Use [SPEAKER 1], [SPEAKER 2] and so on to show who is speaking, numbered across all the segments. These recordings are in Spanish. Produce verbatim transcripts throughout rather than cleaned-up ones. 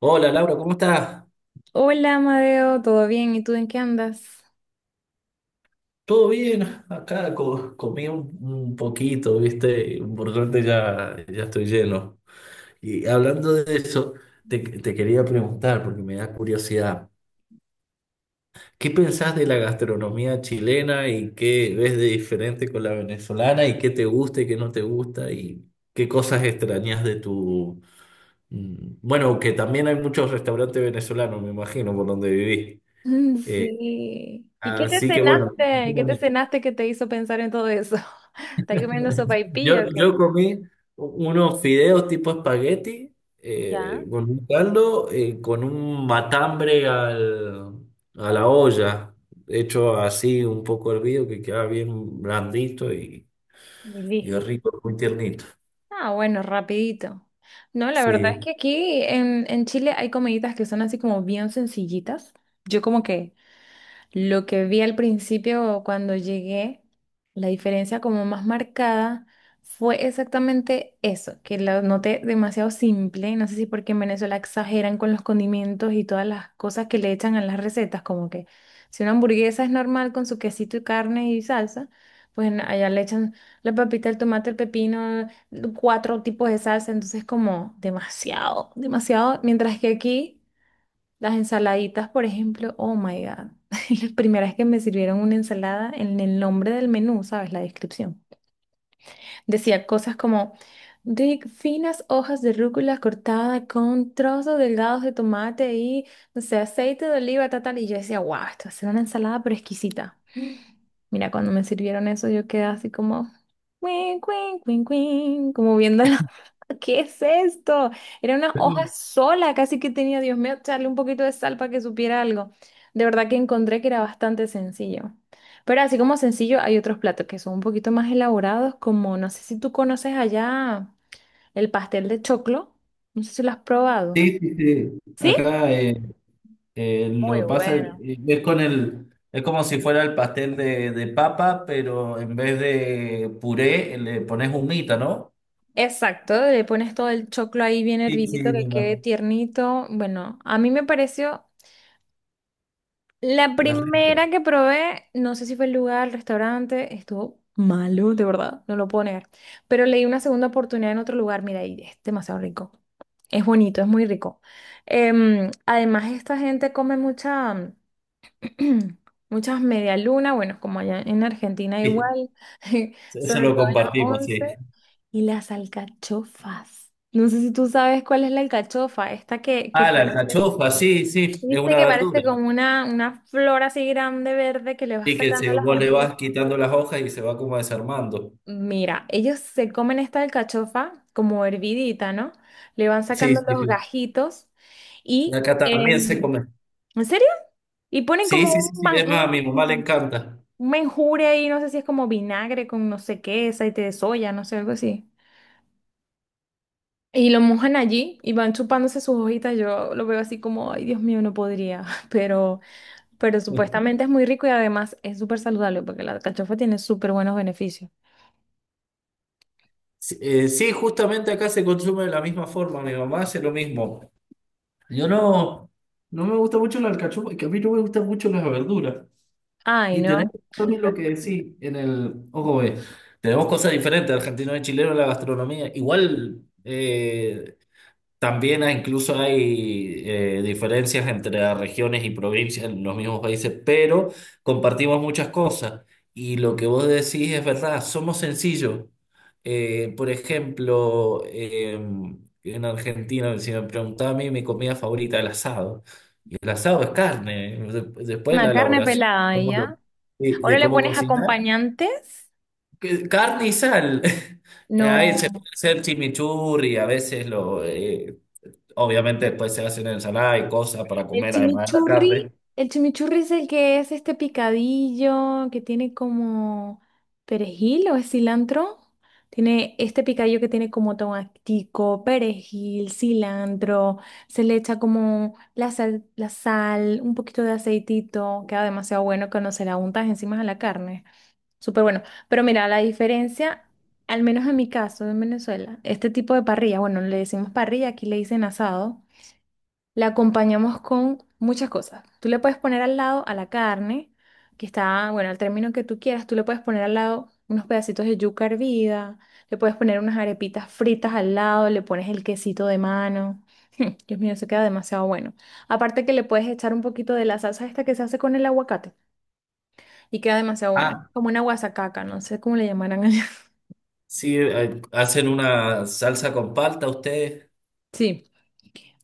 [SPEAKER 1] Hola, Laura, ¿cómo estás?
[SPEAKER 2] Hola, Amadeo, ¿todo bien? ¿Y tú en qué andas?
[SPEAKER 1] ¿Todo bien? Acá co- comí un, un poquito, ¿viste? Y por suerte ya, ya estoy lleno. Y hablando de eso, te, te quería preguntar, porque me da curiosidad, ¿qué pensás de la gastronomía chilena y qué ves de diferente con la venezolana y qué te gusta y qué no te gusta y qué cosas extrañas de tu... mm, Bueno, que también hay muchos restaurantes venezolanos, me imagino, por donde viví.
[SPEAKER 2] Mm,
[SPEAKER 1] Eh,
[SPEAKER 2] Sí. ¿Y qué te
[SPEAKER 1] Así que bueno,
[SPEAKER 2] cenaste? ¿Qué te cenaste que te hizo pensar en todo eso? ¿Estás comiendo
[SPEAKER 1] Yo,
[SPEAKER 2] sopaipilla o qué?
[SPEAKER 1] yo comí unos fideos tipo espagueti eh,
[SPEAKER 2] Ya,
[SPEAKER 1] con un caldo, eh, con un matambre al- a la olla, hecho así un poco hervido, que queda bien blandito, y,
[SPEAKER 2] y
[SPEAKER 1] y
[SPEAKER 2] listo.
[SPEAKER 1] es rico, muy tiernito.
[SPEAKER 2] Ah, bueno, rapidito. No, la verdad es
[SPEAKER 1] Sí.
[SPEAKER 2] que aquí en, en Chile hay comiditas que son así como bien sencillitas. Yo como que lo que vi al principio cuando llegué, la diferencia como más marcada fue exactamente eso, que lo noté demasiado simple. No sé si porque en Venezuela exageran con los condimentos y todas las cosas que le echan a las recetas, como que si una hamburguesa es normal con su quesito y carne y salsa, pues en- allá le echan la papita, el tomate, el pepino, cuatro tipos de salsa, entonces como demasiado, demasiado, mientras que aquí... Las ensaladitas, por ejemplo, oh my God. La primera vez que me sirvieron una ensalada, en el nombre del menú, ¿sabes? La descripción. Decía cosas como de finas hojas de rúcula cortada con trozos delgados de tomate y, no sé, aceite de oliva, tal, tal. Y yo decía, wow, esto va a ser una ensalada pero exquisita. Mira, cuando me sirvieron eso, yo quedé así como, cuin, cuin, cuin, cuin, como viendo la ¿Qué es esto? Era una hoja
[SPEAKER 1] Sí,
[SPEAKER 2] sola, casi que tenía, Dios mío, echarle un poquito de sal para que supiera algo. De verdad que encontré que era bastante sencillo. Pero así como sencillo, hay otros platos que son un poquito más elaborados, como no sé si tú conoces allá el pastel de choclo. No sé si lo has probado.
[SPEAKER 1] sí, sí.
[SPEAKER 2] ¿Sí?
[SPEAKER 1] Acá eh, eh,
[SPEAKER 2] Muy
[SPEAKER 1] lo que pasa es,
[SPEAKER 2] bueno.
[SPEAKER 1] es con el, es como si fuera el pastel de, de papa, pero en vez de puré le pones humita, ¿no?
[SPEAKER 2] Exacto, le pones todo el choclo ahí bien
[SPEAKER 1] Sí, sí,
[SPEAKER 2] hervidito
[SPEAKER 1] mi
[SPEAKER 2] que quede
[SPEAKER 1] mamá.
[SPEAKER 2] tiernito. Bueno, a mí me pareció la
[SPEAKER 1] Es rico.
[SPEAKER 2] primera que probé, no sé si fue el lugar, el restaurante, estuvo malo, de verdad, no lo puedo negar. Pero le di una segunda oportunidad en otro lugar, mira, y es demasiado rico. Es bonito, es muy rico. Em, además, esta gente come mucha, muchas medialunas, bueno, como allá en Argentina
[SPEAKER 1] Sí,
[SPEAKER 2] igual,
[SPEAKER 1] eso
[SPEAKER 2] sobre
[SPEAKER 1] lo
[SPEAKER 2] todo en las
[SPEAKER 1] compartimos,
[SPEAKER 2] once
[SPEAKER 1] sí.
[SPEAKER 2] y las alcachofas. No sé si tú sabes cuál es la alcachofa, esta que, que
[SPEAKER 1] Ah, la
[SPEAKER 2] parece...
[SPEAKER 1] alcachofa, sí, sí, es
[SPEAKER 2] Viste
[SPEAKER 1] una
[SPEAKER 2] que parece
[SPEAKER 1] verdura.
[SPEAKER 2] como una, una flor así grande verde que le va
[SPEAKER 1] Sí, que
[SPEAKER 2] sacando
[SPEAKER 1] se,
[SPEAKER 2] las
[SPEAKER 1] vos
[SPEAKER 2] hojas.
[SPEAKER 1] le vas quitando las hojas y se va como desarmando.
[SPEAKER 2] Mira, ellos se comen esta alcachofa como hervidita, ¿no? Le van
[SPEAKER 1] Sí,
[SPEAKER 2] sacando
[SPEAKER 1] sí,
[SPEAKER 2] los
[SPEAKER 1] sí.
[SPEAKER 2] gajitos
[SPEAKER 1] Y
[SPEAKER 2] y,
[SPEAKER 1] acá también
[SPEAKER 2] em,
[SPEAKER 1] se come.
[SPEAKER 2] ¿en serio? Y ponen
[SPEAKER 1] Sí,
[SPEAKER 2] como
[SPEAKER 1] sí, sí,
[SPEAKER 2] un,
[SPEAKER 1] sí.
[SPEAKER 2] man-
[SPEAKER 1] Es más, a
[SPEAKER 2] un,
[SPEAKER 1] mi mamá le
[SPEAKER 2] un
[SPEAKER 1] encanta.
[SPEAKER 2] menjure ahí, no sé si es como vinagre con no sé qué, aceite de soya, no sé, algo así. Y lo mojan allí y van chupándose sus hojitas. Yo lo veo así como, ay, Dios mío, no podría, pero... Pero supuestamente es muy rico y además es súper saludable porque la alcachofa tiene súper buenos beneficios.
[SPEAKER 1] Sí, eh, sí, justamente acá se consume de la misma forma. Mi mamá hace lo mismo. Yo no, no me gusta mucho la alcachofa, que a mí no me gustan mucho las verduras.
[SPEAKER 2] Ay,
[SPEAKER 1] Y tenés
[SPEAKER 2] no.
[SPEAKER 1] también lo que decís en el. Ojo, eh, tenemos cosas diferentes, argentino y chileno en la gastronomía. Igual eh, también hay- incluso hay eh, diferencias entre las regiones y provincias en los mismos países, pero compartimos muchas cosas. Y lo que vos decís es verdad, somos sencillos. Eh, por ejemplo, eh, en Argentina, si me preguntaba a mí mi comida favorita, es el asado. Y el asado es carne. De- Después la
[SPEAKER 2] Una carne
[SPEAKER 1] elaboración de
[SPEAKER 2] pelada y
[SPEAKER 1] cómo, lo-
[SPEAKER 2] ya.
[SPEAKER 1] de-
[SPEAKER 2] ¿O no
[SPEAKER 1] de
[SPEAKER 2] le
[SPEAKER 1] cómo
[SPEAKER 2] pones
[SPEAKER 1] cocinar,
[SPEAKER 2] acompañantes?
[SPEAKER 1] que- carne y sal. A veces
[SPEAKER 2] No.
[SPEAKER 1] puede ser chimichurri, a veces lo... eh, obviamente después se hacen ensalada y cosas para
[SPEAKER 2] El
[SPEAKER 1] comer, además de la
[SPEAKER 2] chimichurri,
[SPEAKER 1] carne.
[SPEAKER 2] el chimichurri es el que es este picadillo que tiene como perejil o es cilantro. Tiene este picadillo que tiene como tomatico, perejil, cilantro. Se le echa como la sal, la sal, un poquito de aceitito. Queda demasiado bueno cuando se la untas encima a la carne. Súper bueno. Pero mira, la diferencia, al menos en mi caso, en Venezuela, este tipo de parrilla, bueno, le decimos parrilla, aquí le dicen asado. La acompañamos con muchas cosas. Tú le puedes poner al lado a la carne, que está, bueno, al término que tú quieras, tú le puedes poner al lado unos pedacitos de yuca hervida, le puedes poner unas arepitas fritas al lado, le pones el quesito de mano. Dios mío, eso queda demasiado bueno. Aparte que le puedes echar un poquito de la salsa esta que se hace con el aguacate y queda demasiado buena,
[SPEAKER 1] Ah,
[SPEAKER 2] como una guasacaca, no sé cómo le llamarán allá.
[SPEAKER 1] sí, eh, hacen una salsa con palta ustedes.
[SPEAKER 2] Sí,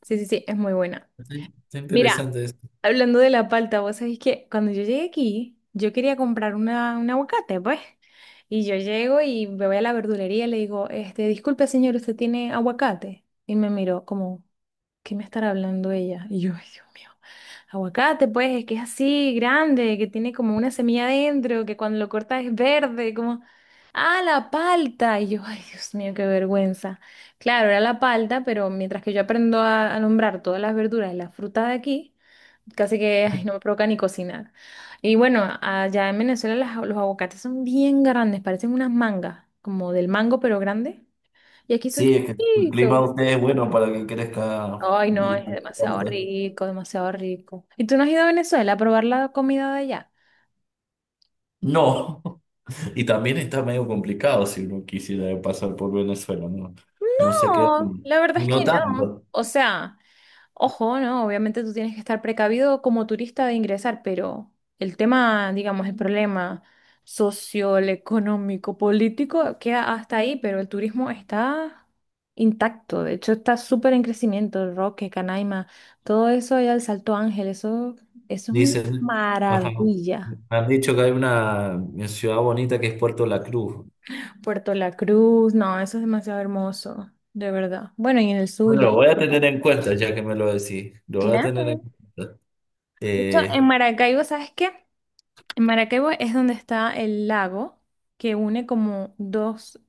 [SPEAKER 2] sí, sí, sí, es muy buena.
[SPEAKER 1] Está está
[SPEAKER 2] Mira,
[SPEAKER 1] interesante eso.
[SPEAKER 2] hablando de la palta, vos sabés que cuando yo llegué aquí, yo quería comprar una, un aguacate, pues. Y yo llego y me voy a la verdulería y le digo, este, disculpe señor, ¿usted tiene aguacate? Y me miró como, ¿qué me estará hablando ella? Y yo, ay, Dios mío, aguacate, pues, es que es así, grande, que tiene como una semilla adentro, que cuando lo cortas es verde, como, ah, la palta. Y yo, ay, Dios mío, qué vergüenza. Claro, era la palta, pero mientras que yo aprendo a, a nombrar todas las verduras y las frutas de aquí, casi que ay, no me provoca ni cocinar. Y bueno, allá en Venezuela las- los aguacates son bien grandes, parecen unas mangas, como del mango, pero grande. Y aquí son
[SPEAKER 1] Sí, es que el clima de
[SPEAKER 2] chiquitos.
[SPEAKER 1] ustedes es bueno para que crezca
[SPEAKER 2] Ay, no, es
[SPEAKER 1] la
[SPEAKER 2] demasiado
[SPEAKER 1] palta.
[SPEAKER 2] rico, demasiado rico. ¿Y tú no has ido a Venezuela a probar la comida de allá?
[SPEAKER 1] No, y también está medio complicado si uno quisiera pasar por Venezuela, ¿no? No sé qué,
[SPEAKER 2] No,
[SPEAKER 1] onda.
[SPEAKER 2] la verdad es
[SPEAKER 1] No
[SPEAKER 2] que no.
[SPEAKER 1] tanto,
[SPEAKER 2] O sea, ojo, ¿no? Obviamente tú tienes que estar precavido como turista de ingresar, pero el tema, digamos, el problema social, económico, político queda hasta ahí, pero el turismo está intacto. De hecho, está súper en crecimiento. El Roque, Canaima, todo eso allá, el Salto Ángel, eso, eso es una
[SPEAKER 1] dicen. Ajá.
[SPEAKER 2] maravilla.
[SPEAKER 1] Han dicho que hay una ciudad bonita que es Puerto La Cruz.
[SPEAKER 2] Puerto La Cruz, no, eso es demasiado hermoso, de verdad. Bueno, y en el
[SPEAKER 1] Bueno,
[SPEAKER 2] Zulia,
[SPEAKER 1] lo
[SPEAKER 2] el
[SPEAKER 1] voy a
[SPEAKER 2] Lago
[SPEAKER 1] tener en cuenta ya que me lo decís. Lo voy a tener en
[SPEAKER 2] claro.
[SPEAKER 1] cuenta.
[SPEAKER 2] De hecho, en
[SPEAKER 1] Eh,
[SPEAKER 2] Maracaibo, ¿sabes qué? En Maracaibo es donde está el lago que une como dos,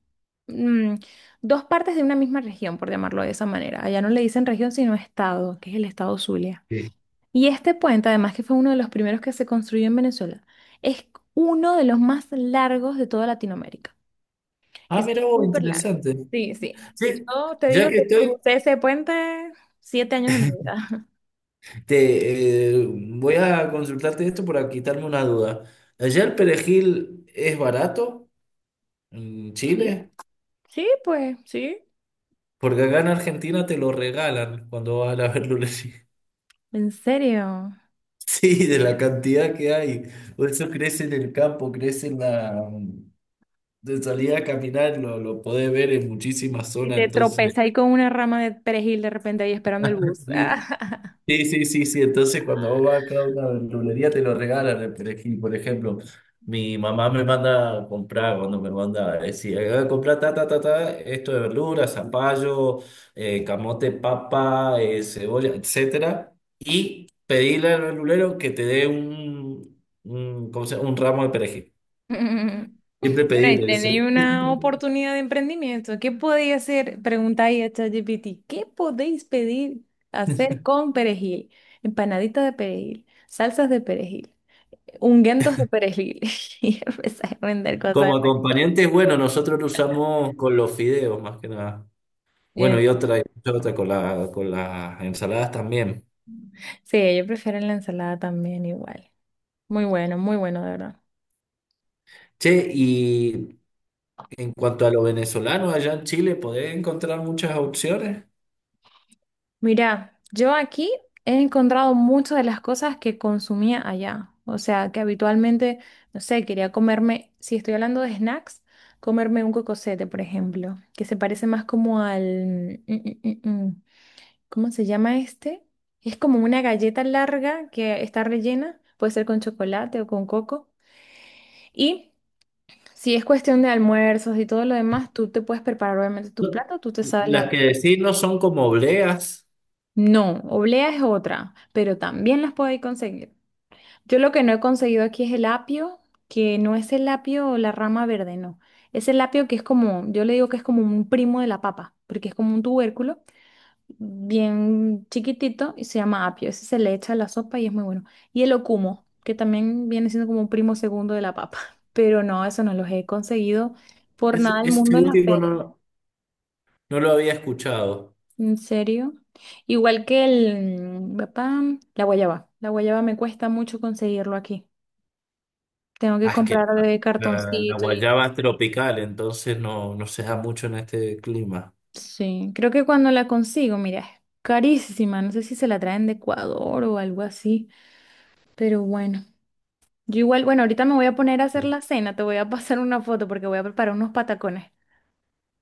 [SPEAKER 2] mm, dos partes de una misma región, por llamarlo de esa manera. Allá no le dicen región, sino estado, que es el estado Zulia.
[SPEAKER 1] sí.
[SPEAKER 2] Y este puente, además que fue uno de los primeros que se construyó en Venezuela, es uno de los más largos de toda Latinoamérica.
[SPEAKER 1] Ah,
[SPEAKER 2] Es
[SPEAKER 1] mira vos,
[SPEAKER 2] súper largo.
[SPEAKER 1] interesante.
[SPEAKER 2] Sí, sí.
[SPEAKER 1] Sí,
[SPEAKER 2] Yo te
[SPEAKER 1] ya
[SPEAKER 2] digo
[SPEAKER 1] que
[SPEAKER 2] que
[SPEAKER 1] estoy,
[SPEAKER 2] crucé ese puente siete años de mi vida.
[SPEAKER 1] te, eh, voy a consultarte esto para quitarme una duda. ¿Allá el perejil es barato en
[SPEAKER 2] Sí,
[SPEAKER 1] Chile?
[SPEAKER 2] sí, pues, sí.
[SPEAKER 1] Porque acá en Argentina te lo regalan cuando vas a la verdulería.
[SPEAKER 2] ¿En serio?
[SPEAKER 1] Sí, de la cantidad que hay. Por eso crece en el campo, crece en la... De salida a caminar, lo, lo podés ver en muchísimas
[SPEAKER 2] Y
[SPEAKER 1] zonas,
[SPEAKER 2] te
[SPEAKER 1] entonces...
[SPEAKER 2] tropezas ahí con una rama de perejil de repente ahí esperando el bus.
[SPEAKER 1] Sí. Sí, sí, sí, sí. Entonces, cuando vos vas acá a una verdulería, te lo regalan el perejil. Por ejemplo, mi mamá me manda a comprar, cuando me manda, es decir: "Ah, comprar ta, ta, ta, ta, esto de verduras, zapallo, eh, camote, papa, eh, cebolla, etcétera". Y pedirle al verdulero que te dé un, un, ¿cómo se llama?, un ramo de perejil.
[SPEAKER 2] Mm.
[SPEAKER 1] Siempre
[SPEAKER 2] Bueno, y
[SPEAKER 1] pedirle eso.
[SPEAKER 2] tenéis una oportunidad de emprendimiento. ¿Qué podéis hacer? Preguntáis a ChatGPT. ¿Qué podéis pedir hacer con perejil? Empanaditas de perejil, salsas de perejil, ungüentos de perejil. Y empezáis a vender cosas
[SPEAKER 1] Como
[SPEAKER 2] de perejil.
[SPEAKER 1] acompañante, bueno, nosotros lo usamos con los fideos, más que nada. Bueno, y otra, y otra con la, con las ensaladas también.
[SPEAKER 2] Sí, yo prefiero la ensalada también igual. Muy bueno, muy bueno, de verdad.
[SPEAKER 1] Che, y en cuanto a lo venezolano, allá en Chile, ¿podés encontrar muchas opciones?
[SPEAKER 2] Mira, yo aquí he encontrado muchas de las cosas que consumía allá. O sea, que habitualmente, no sé, quería comerme, si estoy hablando de snacks, comerme un cocosete, por ejemplo, que se parece más como al... mm, mm, mm, mm. ¿Cómo se llama este? Es como una galleta larga que está rellena, puede ser con chocolate o con coco. Y si es cuestión de almuerzos y todo lo demás, tú te puedes preparar obviamente tus
[SPEAKER 1] No,
[SPEAKER 2] platos, tú te sabes
[SPEAKER 1] las
[SPEAKER 2] la...
[SPEAKER 1] que decís no son como obleas.
[SPEAKER 2] No, oblea es otra, pero también las podéis conseguir. Yo lo que no he conseguido aquí es el apio, que no es el apio o la rama verde, no. Es el apio que es como, yo le digo que es como un primo de la papa, porque es como un tubérculo bien chiquitito y se llama apio. Ese se le echa a la sopa y es muy bueno. Y el ocumo, que también viene siendo como un primo segundo de la papa, pero no, eso no los he conseguido por
[SPEAKER 1] Ese,
[SPEAKER 2] nada del mundo
[SPEAKER 1] ese
[SPEAKER 2] en la
[SPEAKER 1] último
[SPEAKER 2] feria.
[SPEAKER 1] no, no lo había escuchado.
[SPEAKER 2] ¿En serio? Igual que el mm, papá, la guayaba. La guayaba me cuesta mucho conseguirlo aquí. Tengo que
[SPEAKER 1] Ah, es que
[SPEAKER 2] comprar de
[SPEAKER 1] la, la- la
[SPEAKER 2] cartoncito y...
[SPEAKER 1] guayaba es tropical, entonces no, no se da mucho en este clima.
[SPEAKER 2] Sí, creo que cuando la consigo, mira, es carísima. No sé si se la traen de Ecuador o algo así, pero bueno. Yo igual, bueno, ahorita me voy a poner a hacer la cena. Te voy a pasar una foto porque voy a preparar unos patacones.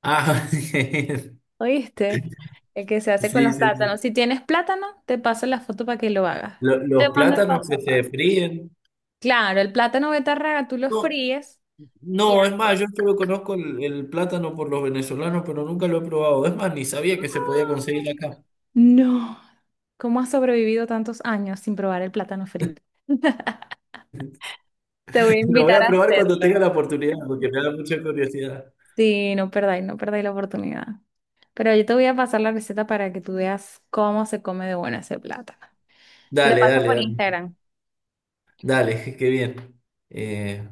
[SPEAKER 1] Ah, sí,
[SPEAKER 2] ¿Oíste? El que se hace con
[SPEAKER 1] sí,
[SPEAKER 2] los plátanos.
[SPEAKER 1] sí.
[SPEAKER 2] Si tienes plátano, te paso la foto para que lo hagas.
[SPEAKER 1] Lo-
[SPEAKER 2] Te
[SPEAKER 1] Los
[SPEAKER 2] mando el
[SPEAKER 1] plátanos
[SPEAKER 2] paso
[SPEAKER 1] que se fríen.
[SPEAKER 2] claro, el plátano betarraga tú lo fríes y
[SPEAKER 1] No, es
[SPEAKER 2] hace.
[SPEAKER 1] más, yo solo conozco el, el plátano por los venezolanos, pero nunca lo he probado. Es más, ni sabía que se podía conseguir acá.
[SPEAKER 2] No, ¿cómo has sobrevivido tantos años sin probar el plátano frito? Te voy a
[SPEAKER 1] Lo voy
[SPEAKER 2] invitar
[SPEAKER 1] a
[SPEAKER 2] a
[SPEAKER 1] probar cuando tenga la
[SPEAKER 2] hacerlo.
[SPEAKER 1] oportunidad, porque me da mucha curiosidad.
[SPEAKER 2] Sí, no perdáis, no perdáis la oportunidad. Pero yo te voy a pasar la receta para que tú veas cómo se come de buena ese plátano. Te lo
[SPEAKER 1] Dale,
[SPEAKER 2] paso
[SPEAKER 1] dale,
[SPEAKER 2] por
[SPEAKER 1] dale.
[SPEAKER 2] Instagram.
[SPEAKER 1] Dale, qué bien. Eh,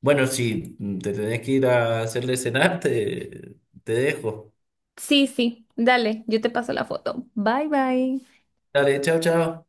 [SPEAKER 1] bueno, si te tenés que ir a hacerle cenar, te, te dejo.
[SPEAKER 2] Sí, sí, dale, yo te paso la foto. Bye, bye.
[SPEAKER 1] Dale, chao, chao.